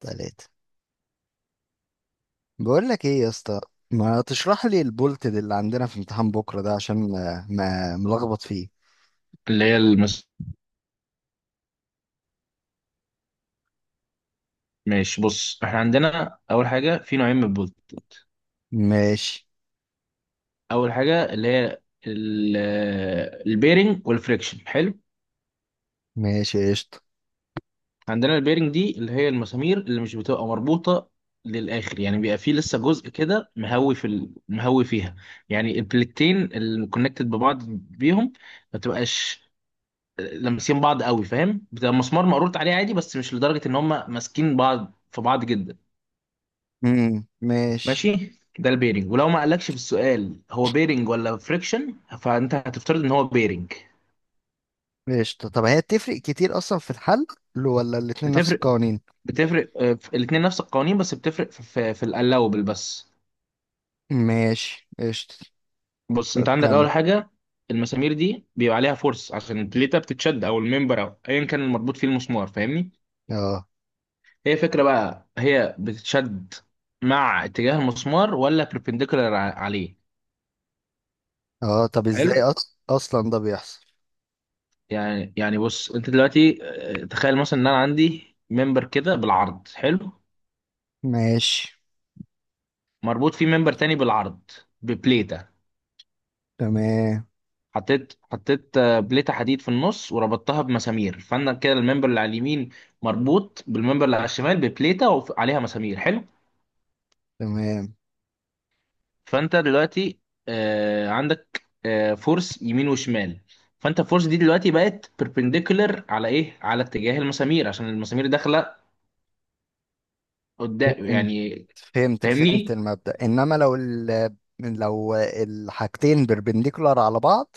تلاتة. بقول لك ايه يا اسطى، ما تشرح لي البولت ده اللي عندنا في امتحان بكره ده عشان ما ملخبط فيه. اللي هي المس... ماشي، بص احنا عندنا اول حاجه في نوعين من البولت. ماشي. اول حاجه اللي هي البيرنج والفريكشن. حلو، ماشي قشطة. عندنا البيرنج دي اللي هي المسامير اللي مش بتبقى مربوطه للاخر، يعني بيبقى فيه لسه جزء كده مهوي مهوي فيها. يعني البلكتين اللي كونكتد ببعض بيهم ما بتبقاش لامسين بعض قوي، فاهم؟ بتبقى مسمار مقروط عليه عادي، بس مش لدرجه ان هم ماسكين بعض في بعض جدا. ماشي ماشي، ده البيرنج. ولو ما قالكش في السؤال هو بيرنج ولا فريكشن فانت هتفترض ان هو بيرنج. قشطة. طب هي بتفرق كتير اصلا في الحل؟ ولا الاتنين نفس بتفرق، القوانين؟ بتفرق آه، في الاتنين نفس القوانين، بس بتفرق في الالاوبل بس. ماشي قشطة. بص طب انت عندك كم؟ اول حاجه، المسامير دي بيبقى عليها فورس عشان البليته بتتشد، او الممبر، او ايا كان المربوط فيه المسمار، فاهمني؟ اه، هي فكره بقى، هي بتتشد مع اتجاه المسمار، ولا perpendicular عليه؟ اه، طب حلو، ازاي اصلا ده بيحصل؟ يعني يعني بص انت دلوقتي، تخيل مثلا ان انا عندي ممبر كده بالعرض، حلو، ماشي. مربوط فيه ممبر تاني بالعرض ببليتة. تمام حطيت بليتة حديد في النص وربطتها بمسامير، فانا كده الممبر اللي على اليمين مربوط بالممبر اللي على الشمال ببليتة وعليها مسامير. حلو، تمام. فانت دلوقتي عندك فورس يمين وشمال، فانت الفورس دي دلوقتي بقت perpendicular على ايه؟ على اتجاه المسامير، عشان المسامير داخله قدام فهمت يعني، فهمت فاهمني؟ المبدأ، انما لو ال لو الحاجتين بربنديكولار على بعض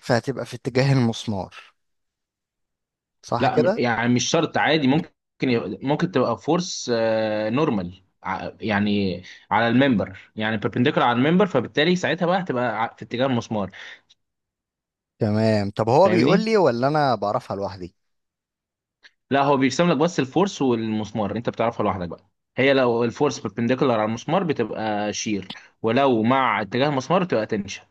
فهتبقى في اتجاه المسمار، صح لا كده؟ يعني مش شرط، عادي ممكن، ممكن تبقى فورس نورمال يعني، على الممبر، يعني بيربنديكولار على الممبر، فبالتالي ساعتها بقى هتبقى في اتجاه المسمار، تمام. طب هو بيقول فاهمني؟ لي ولا انا بعرفها لوحدي؟ لا، هو بيرسم لك بس الفورس والمسمار، انت بتعرفها لوحدك بقى. هي لو الفورس بيربنديكولار على المسمار بتبقى شير، ولو مع اتجاه المسمار بتبقى تنشن.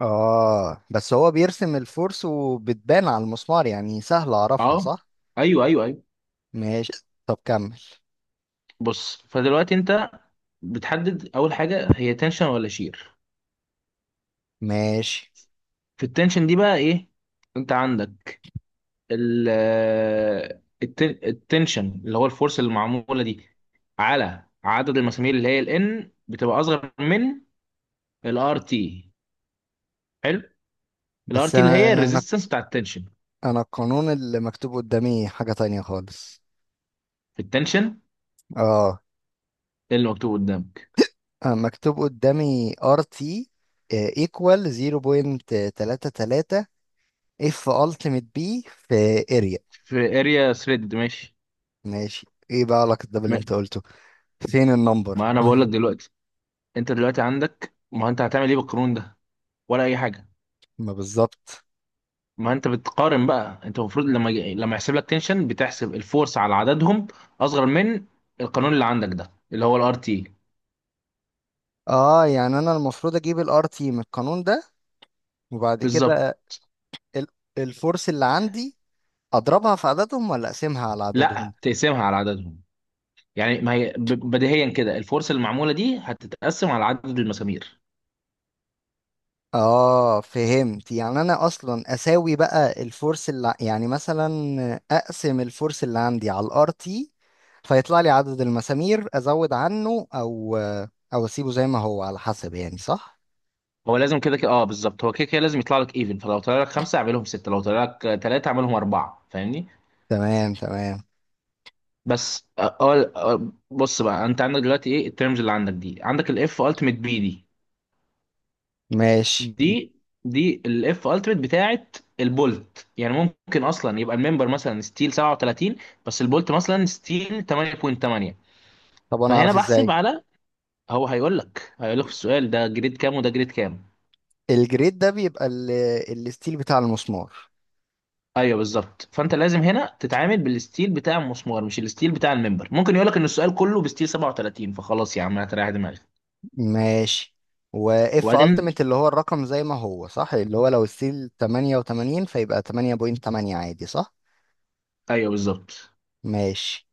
اه، بس هو بيرسم الفورس وبتبان على المسمار، يعني سهل اعرفها اه، صح؟ ايوه ايوه ايوه. ماشي. طب كمل. بص، فدلوقتي انت بتحدد اول حاجه هي تنشن ولا شير. ماشي. في التنشن دي بقى ايه، انت عندك ال التنشن اللي هو الفورس اللي معموله دي على عدد المسامير، اللي هي الان بتبقى اصغر من الار تي. حلو، الار بس تي اللي هي انا انا الريزيستنس بتاع التنشن. أنا القانون اللي مكتوب قدامي حاجة تانية خالص. في التنشن اه اللي مكتوب قدامك آه، مكتوب قدامي ار تي ايكوال 0.33 اف التيميت بي في اريا. في اريا ثريد، ماشي. ماشي. ايه بقى علاقة ده باللي ما انت قلته؟ فين النمبر ما انا بقول لك دلوقتي، انت دلوقتي عندك، ما انت هتعمل ايه بالقانون ده ولا اي حاجه؟ ما بالظبط. ما انت بتقارن بقى، انت المفروض لما لما يحسب لك تنشن بتحسب الفورس على عددهم اصغر من القانون اللي عندك ده، اللي هو الار تي. اه، يعني انا المفروض اجيب الار تي من القانون ده، وبعد بالظبط، كده ال- الفورس اللي عندي اضربها في عددهم ولا اقسمها على عددهم؟ لا تقسمها على عددهم، يعني ما هي بديهيا كده الفرصه المعموله دي هتتقسم على عدد المسامير. اه فهمت. يعني انا اصلا اساوي بقى الفورس يعني مثلا اقسم الفورس اللي عندي على الار تي، فيطلع لي عدد المسامير ازود عنه او اسيبه زي ما هو على حسب، يعني صح؟ هو لازم كده كده، اه بالظبط، هو كده كده لازم يطلع لك ايفن، فلو طلع لك خمسه اعملهم سته، لو طلع لك ثلاثه اعملهم اربعه، فاهمني؟ تمام تمام. بس اه، بص بقى انت عندك دلوقتي ايه الترمز اللي عندك دي؟ عندك الاف التيميت بي دي، ماشي. دي دي الاف التيميت بتاعت البولت. يعني ممكن اصلا يبقى الممبر مثلا ستيل 37، بس البولت مثلا ستيل 8.8، طب انا فهنا اعرف بحسب ازاي؟ على، هو هيقول لك، هيقول لك في السؤال ده جريد كام وده جريد كام. الجريد ده بيبقى الستيل بتاع المسمار. ايوه بالظبط، فانت لازم هنا تتعامل بالستيل بتاع المسمار مش الستيل بتاع الممبر. ممكن يقول لك ان السؤال كله بستيل 37، فخلاص يا عم هتريح دماغك. ماشي. واف وبعدين التيميت اللي هو الرقم زي ما هو صح، اللي هو لو الستيل 88 فيبقى 8.8 عادي صح؟ ايوه بالظبط. ماشي.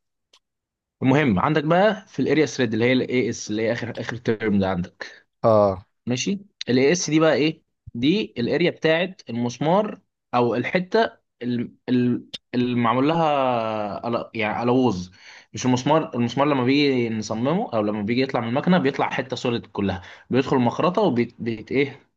المهم عندك بقى في الاريا ثريد اللي هي الاي اس، اللي هي اخر اخر ترم ده عندك، اه. ماشي. الاي اس دي بقى ايه؟ دي الاريا بتاعت المسمار، او الحته اللي معمول لها يعني الوز. مش المسمار، المسمار لما بيجي نصممه او لما بيجي يطلع من المكنه بيطلع حته سوليد كلها، بيدخل المخرطه وبيت ايه،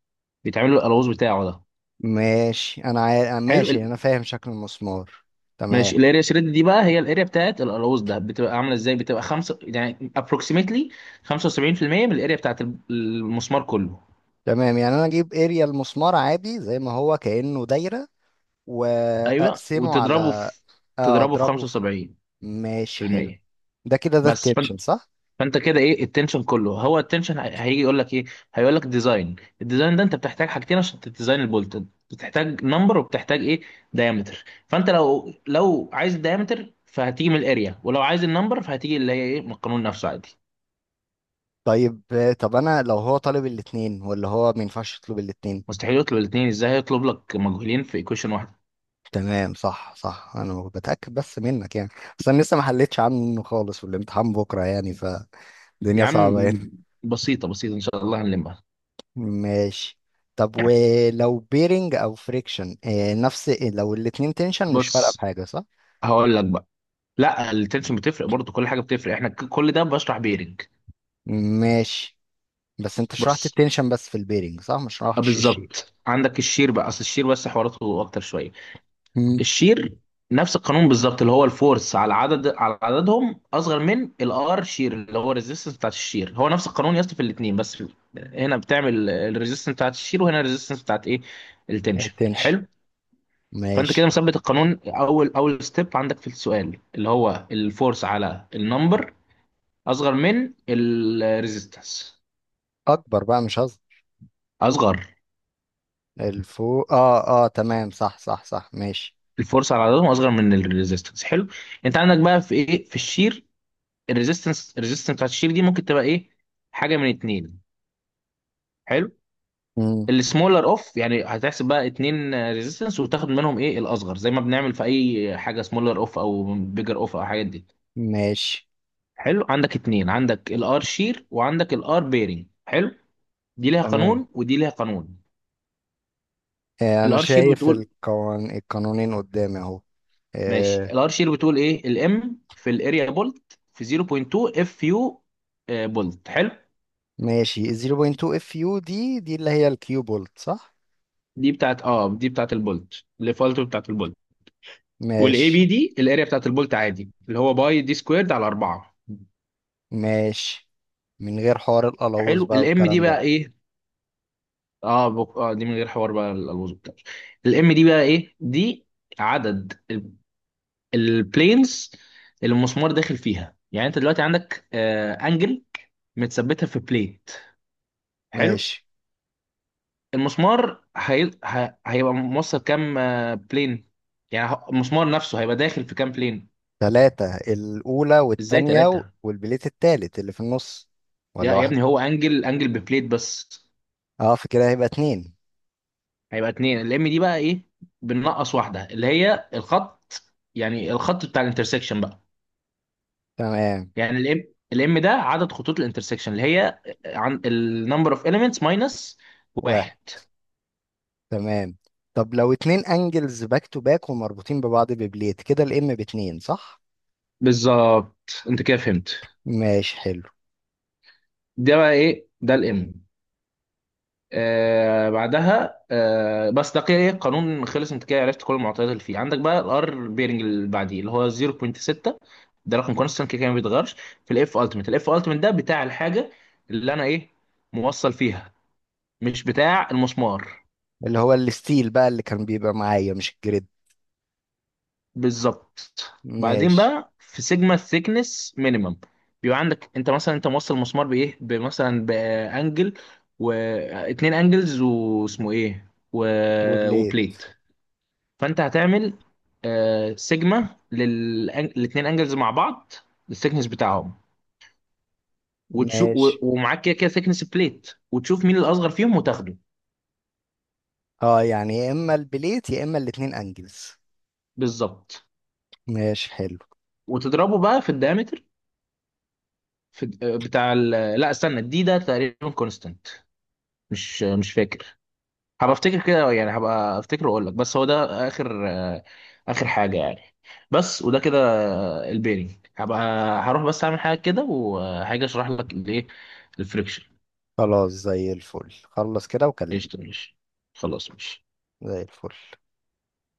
بيتعمل له الالوز بتاعه ده. ماشي. حلو، ماشي، انا فاهم شكل المسمار. تمام ماشي، الاريا شريد دي بقى هي الاريا بتاعت الالوز ده. بتبقى عامله ازاي؟ بتبقى خمسة يعني ابروكسيمتلي 75% من الاريا بتاعت المسمار كله. تمام. يعني انا اجيب اريا المسمار عادي زي ما هو كأنه دايرة، ايوه واقسمه وتضربه على... في، تضربه في اضربه في... 75 ماشي في حلو. المية. ده كده ده بس التبشن صح؟ فانت كده ايه التنشن كله. هو التنشن هيجي يقول لك ايه، هيقول لك ديزاين. الديزاين ده انت بتحتاج حاجتين عشان تديزاين البولت، بتحتاج نمبر وبتحتاج ايه، دايمتر. فانت لو، لو عايز دايمتر فهتيجي من الاريا، ولو عايز النمبر فهتيجي اللي هي ايه من القانون نفسه، عادي. طيب. طب انا لو هو طالب الاتنين، ولا هو ما ينفعش يطلب الاتنين؟ مستحيل يطلب الاثنين، ازاي هيطلب لك مجهولين في ايكويشن واحده. تمام صح صح. انا بتأكد بس منك يعني. بس انا لسه ما حلتش عنه خالص والامتحان بكرة يعني. فالدنيا يا صعبة عم هنا. بسيطه بسيطه، ان شاء الله هنلمها. ماشي. طب ولو بيرنج او فريكشن، نفس لو الاتنين تنشن مش فارقه بص، بحاجه صح؟ هقول لك بقى، لا التنشن بتفرق برضو، كل حاجه بتفرق، احنا كل ده بشرح بيرنج. ماشي. بس انت شرحت بص التنشن بس في البيرنج صح، مش شرحتش الشيء. بالظبط، عندك الشير بقى، اصل الشير بس حواراته اكتر شويه. مم. الشير نفس القانون بالظبط، اللي هو الفورس على عدد، على عددهم اصغر من الار شير اللي هو الريزيستنس بتاعت الشير. هو نفس القانون يا اسطى في الاثنين، بس هنا بتعمل الريزيستنس بتاعت الشير، وهنا الريزيستنس بتاعت ايه، التنشن. التنشن. حلو، فانت كده ماشي. مثبت القانون، اول اول ستيب عندك في السؤال اللي هو الفورس على النمبر اصغر من الريزيستنس. اكبر بقى، مش هظهر اصغر. الفوق. اه اه، تمام صح صح صح، ماشي. الفورس على عضلاتهم اصغر من الريزيستنس، حلو. انت عندك بقى في ايه في الشير، الريزيستنس، الريزيستنس بتاعت الشير دي ممكن تبقى ايه، حاجه من اتنين. حلو، مم. السمولر اوف، يعني هتحسب بقى اتنين ريزيستنس وتاخد منهم ايه الاصغر، زي ما بنعمل في اي حاجه سمولر اوف او بيجر اوف او الحاجات دي. ماشي. حلو، عندك اتنين، عندك الار شير وعندك الار بيرنج، حلو، دي ليها تمام. قانون ودي ليها قانون. آه، انا الار شير شايف بتقول، القانونين قدامي اهو. ماشي، آه، الار شير بتقول ايه، الام في الاريا بولت في 0.2 اف يو بولت، حلو. ماشي. 0.2 اف يو دي اللي هي الكيو بولت صح؟ دي بتاعت اه، دي بتاعت البولت، الديفولت بتاعت البولت. والاي ماشي. بي دي الاريا بتاعت البولت عادي، اللي هو باي دي سكويرد على 4. ماشي. من غير حوار القلاوظ حلو، بقى الام دي والكلام ده. بقى ايه، آه دي من غير حوار بقى الالوز بتاعه. الام دي بقى ايه دي؟ عدد البلينز اللي المسمار داخل فيها. يعني انت دلوقتي عندك انجل متثبتها في بليت، حلو. ماشي. المسمار هيبقى موصل كام بلين، يعني المسمار نفسه هيبقى داخل في كام بلين. ثلاثة، الأولى ازاي والتانية ثلاثة؟ والبليت التالت اللي في النص. يا ولا يا واحد؟ ابني هو انجل، انجل ببليت بس. اه، فكده هيبقى اتنين. هيبقى اتنين، الام دي بقى ايه، بننقص واحده اللي هي الخط، يعني الخط بتاع الانترسكشن بقى. تمام. يعني الام، الام ده عدد خطوط الانترسكشن اللي هي عن النمبر اوف اليمنتس ماينس واحد. واحد. تمام. طب لو اتنين انجلز باك تو باك ومربوطين ببعض ببليت، كده الام باتنين صح؟ بالظبط، انت كده فهمت. ماشي حلو. ده بقى ايه، ده الام. آه بعدها آه، بس ده كده ايه قانون خلص، انت كده عرفت كل المعطيات اللي فيه. عندك بقى الار بيرنج اللي بعديه اللي هو 0.6، ده رقم كونستنت كده كده ما بيتغيرش. في الاف التيمت، الاف التيمت ده بتاع الحاجه اللي انا ايه، موصل فيها، مش بتاع المسمار. اللي هو الستيل بقى اللي كان بيبقى معايا، مش الجريد. بالظبط. بعدين ماشي. بقى في سيجما ثيكنس مينيمم، بيبقى عندك انت مثلا انت موصل المسمار بايه، بمثلا بانجل واتنين انجلز واسمه ايه و... وبليت. وبليت. فانت هتعمل سيجما للاثنين انجلز مع بعض الثيكنس بتاعهم، وتشوف ماشي. ومعاك كده كده ثيكنس بليت، وتشوف مين الاصغر فيهم وتاخده. اه يعني يا اما البليت يا اما الاتنين انجلز. بالظبط. ماشي حلو. وتضربه بقى في الدايمتر، في بتاع ال... لا استنى، الدي ده تقريبا كونستانت، مش فاكر. هبقى افتكر كده يعني، هبقى افتكر واقول لك. بس هو ده اخر اخر حاجه يعني، بس. وده كده البيرنج. هبقى، هروح بس اعمل حاجه كده وهاجي اشرح لك الفريكشن. خلاص زي الفل. خلص كده وكلمني. قشطة ماشي، خلاص ماشي. زي الفل.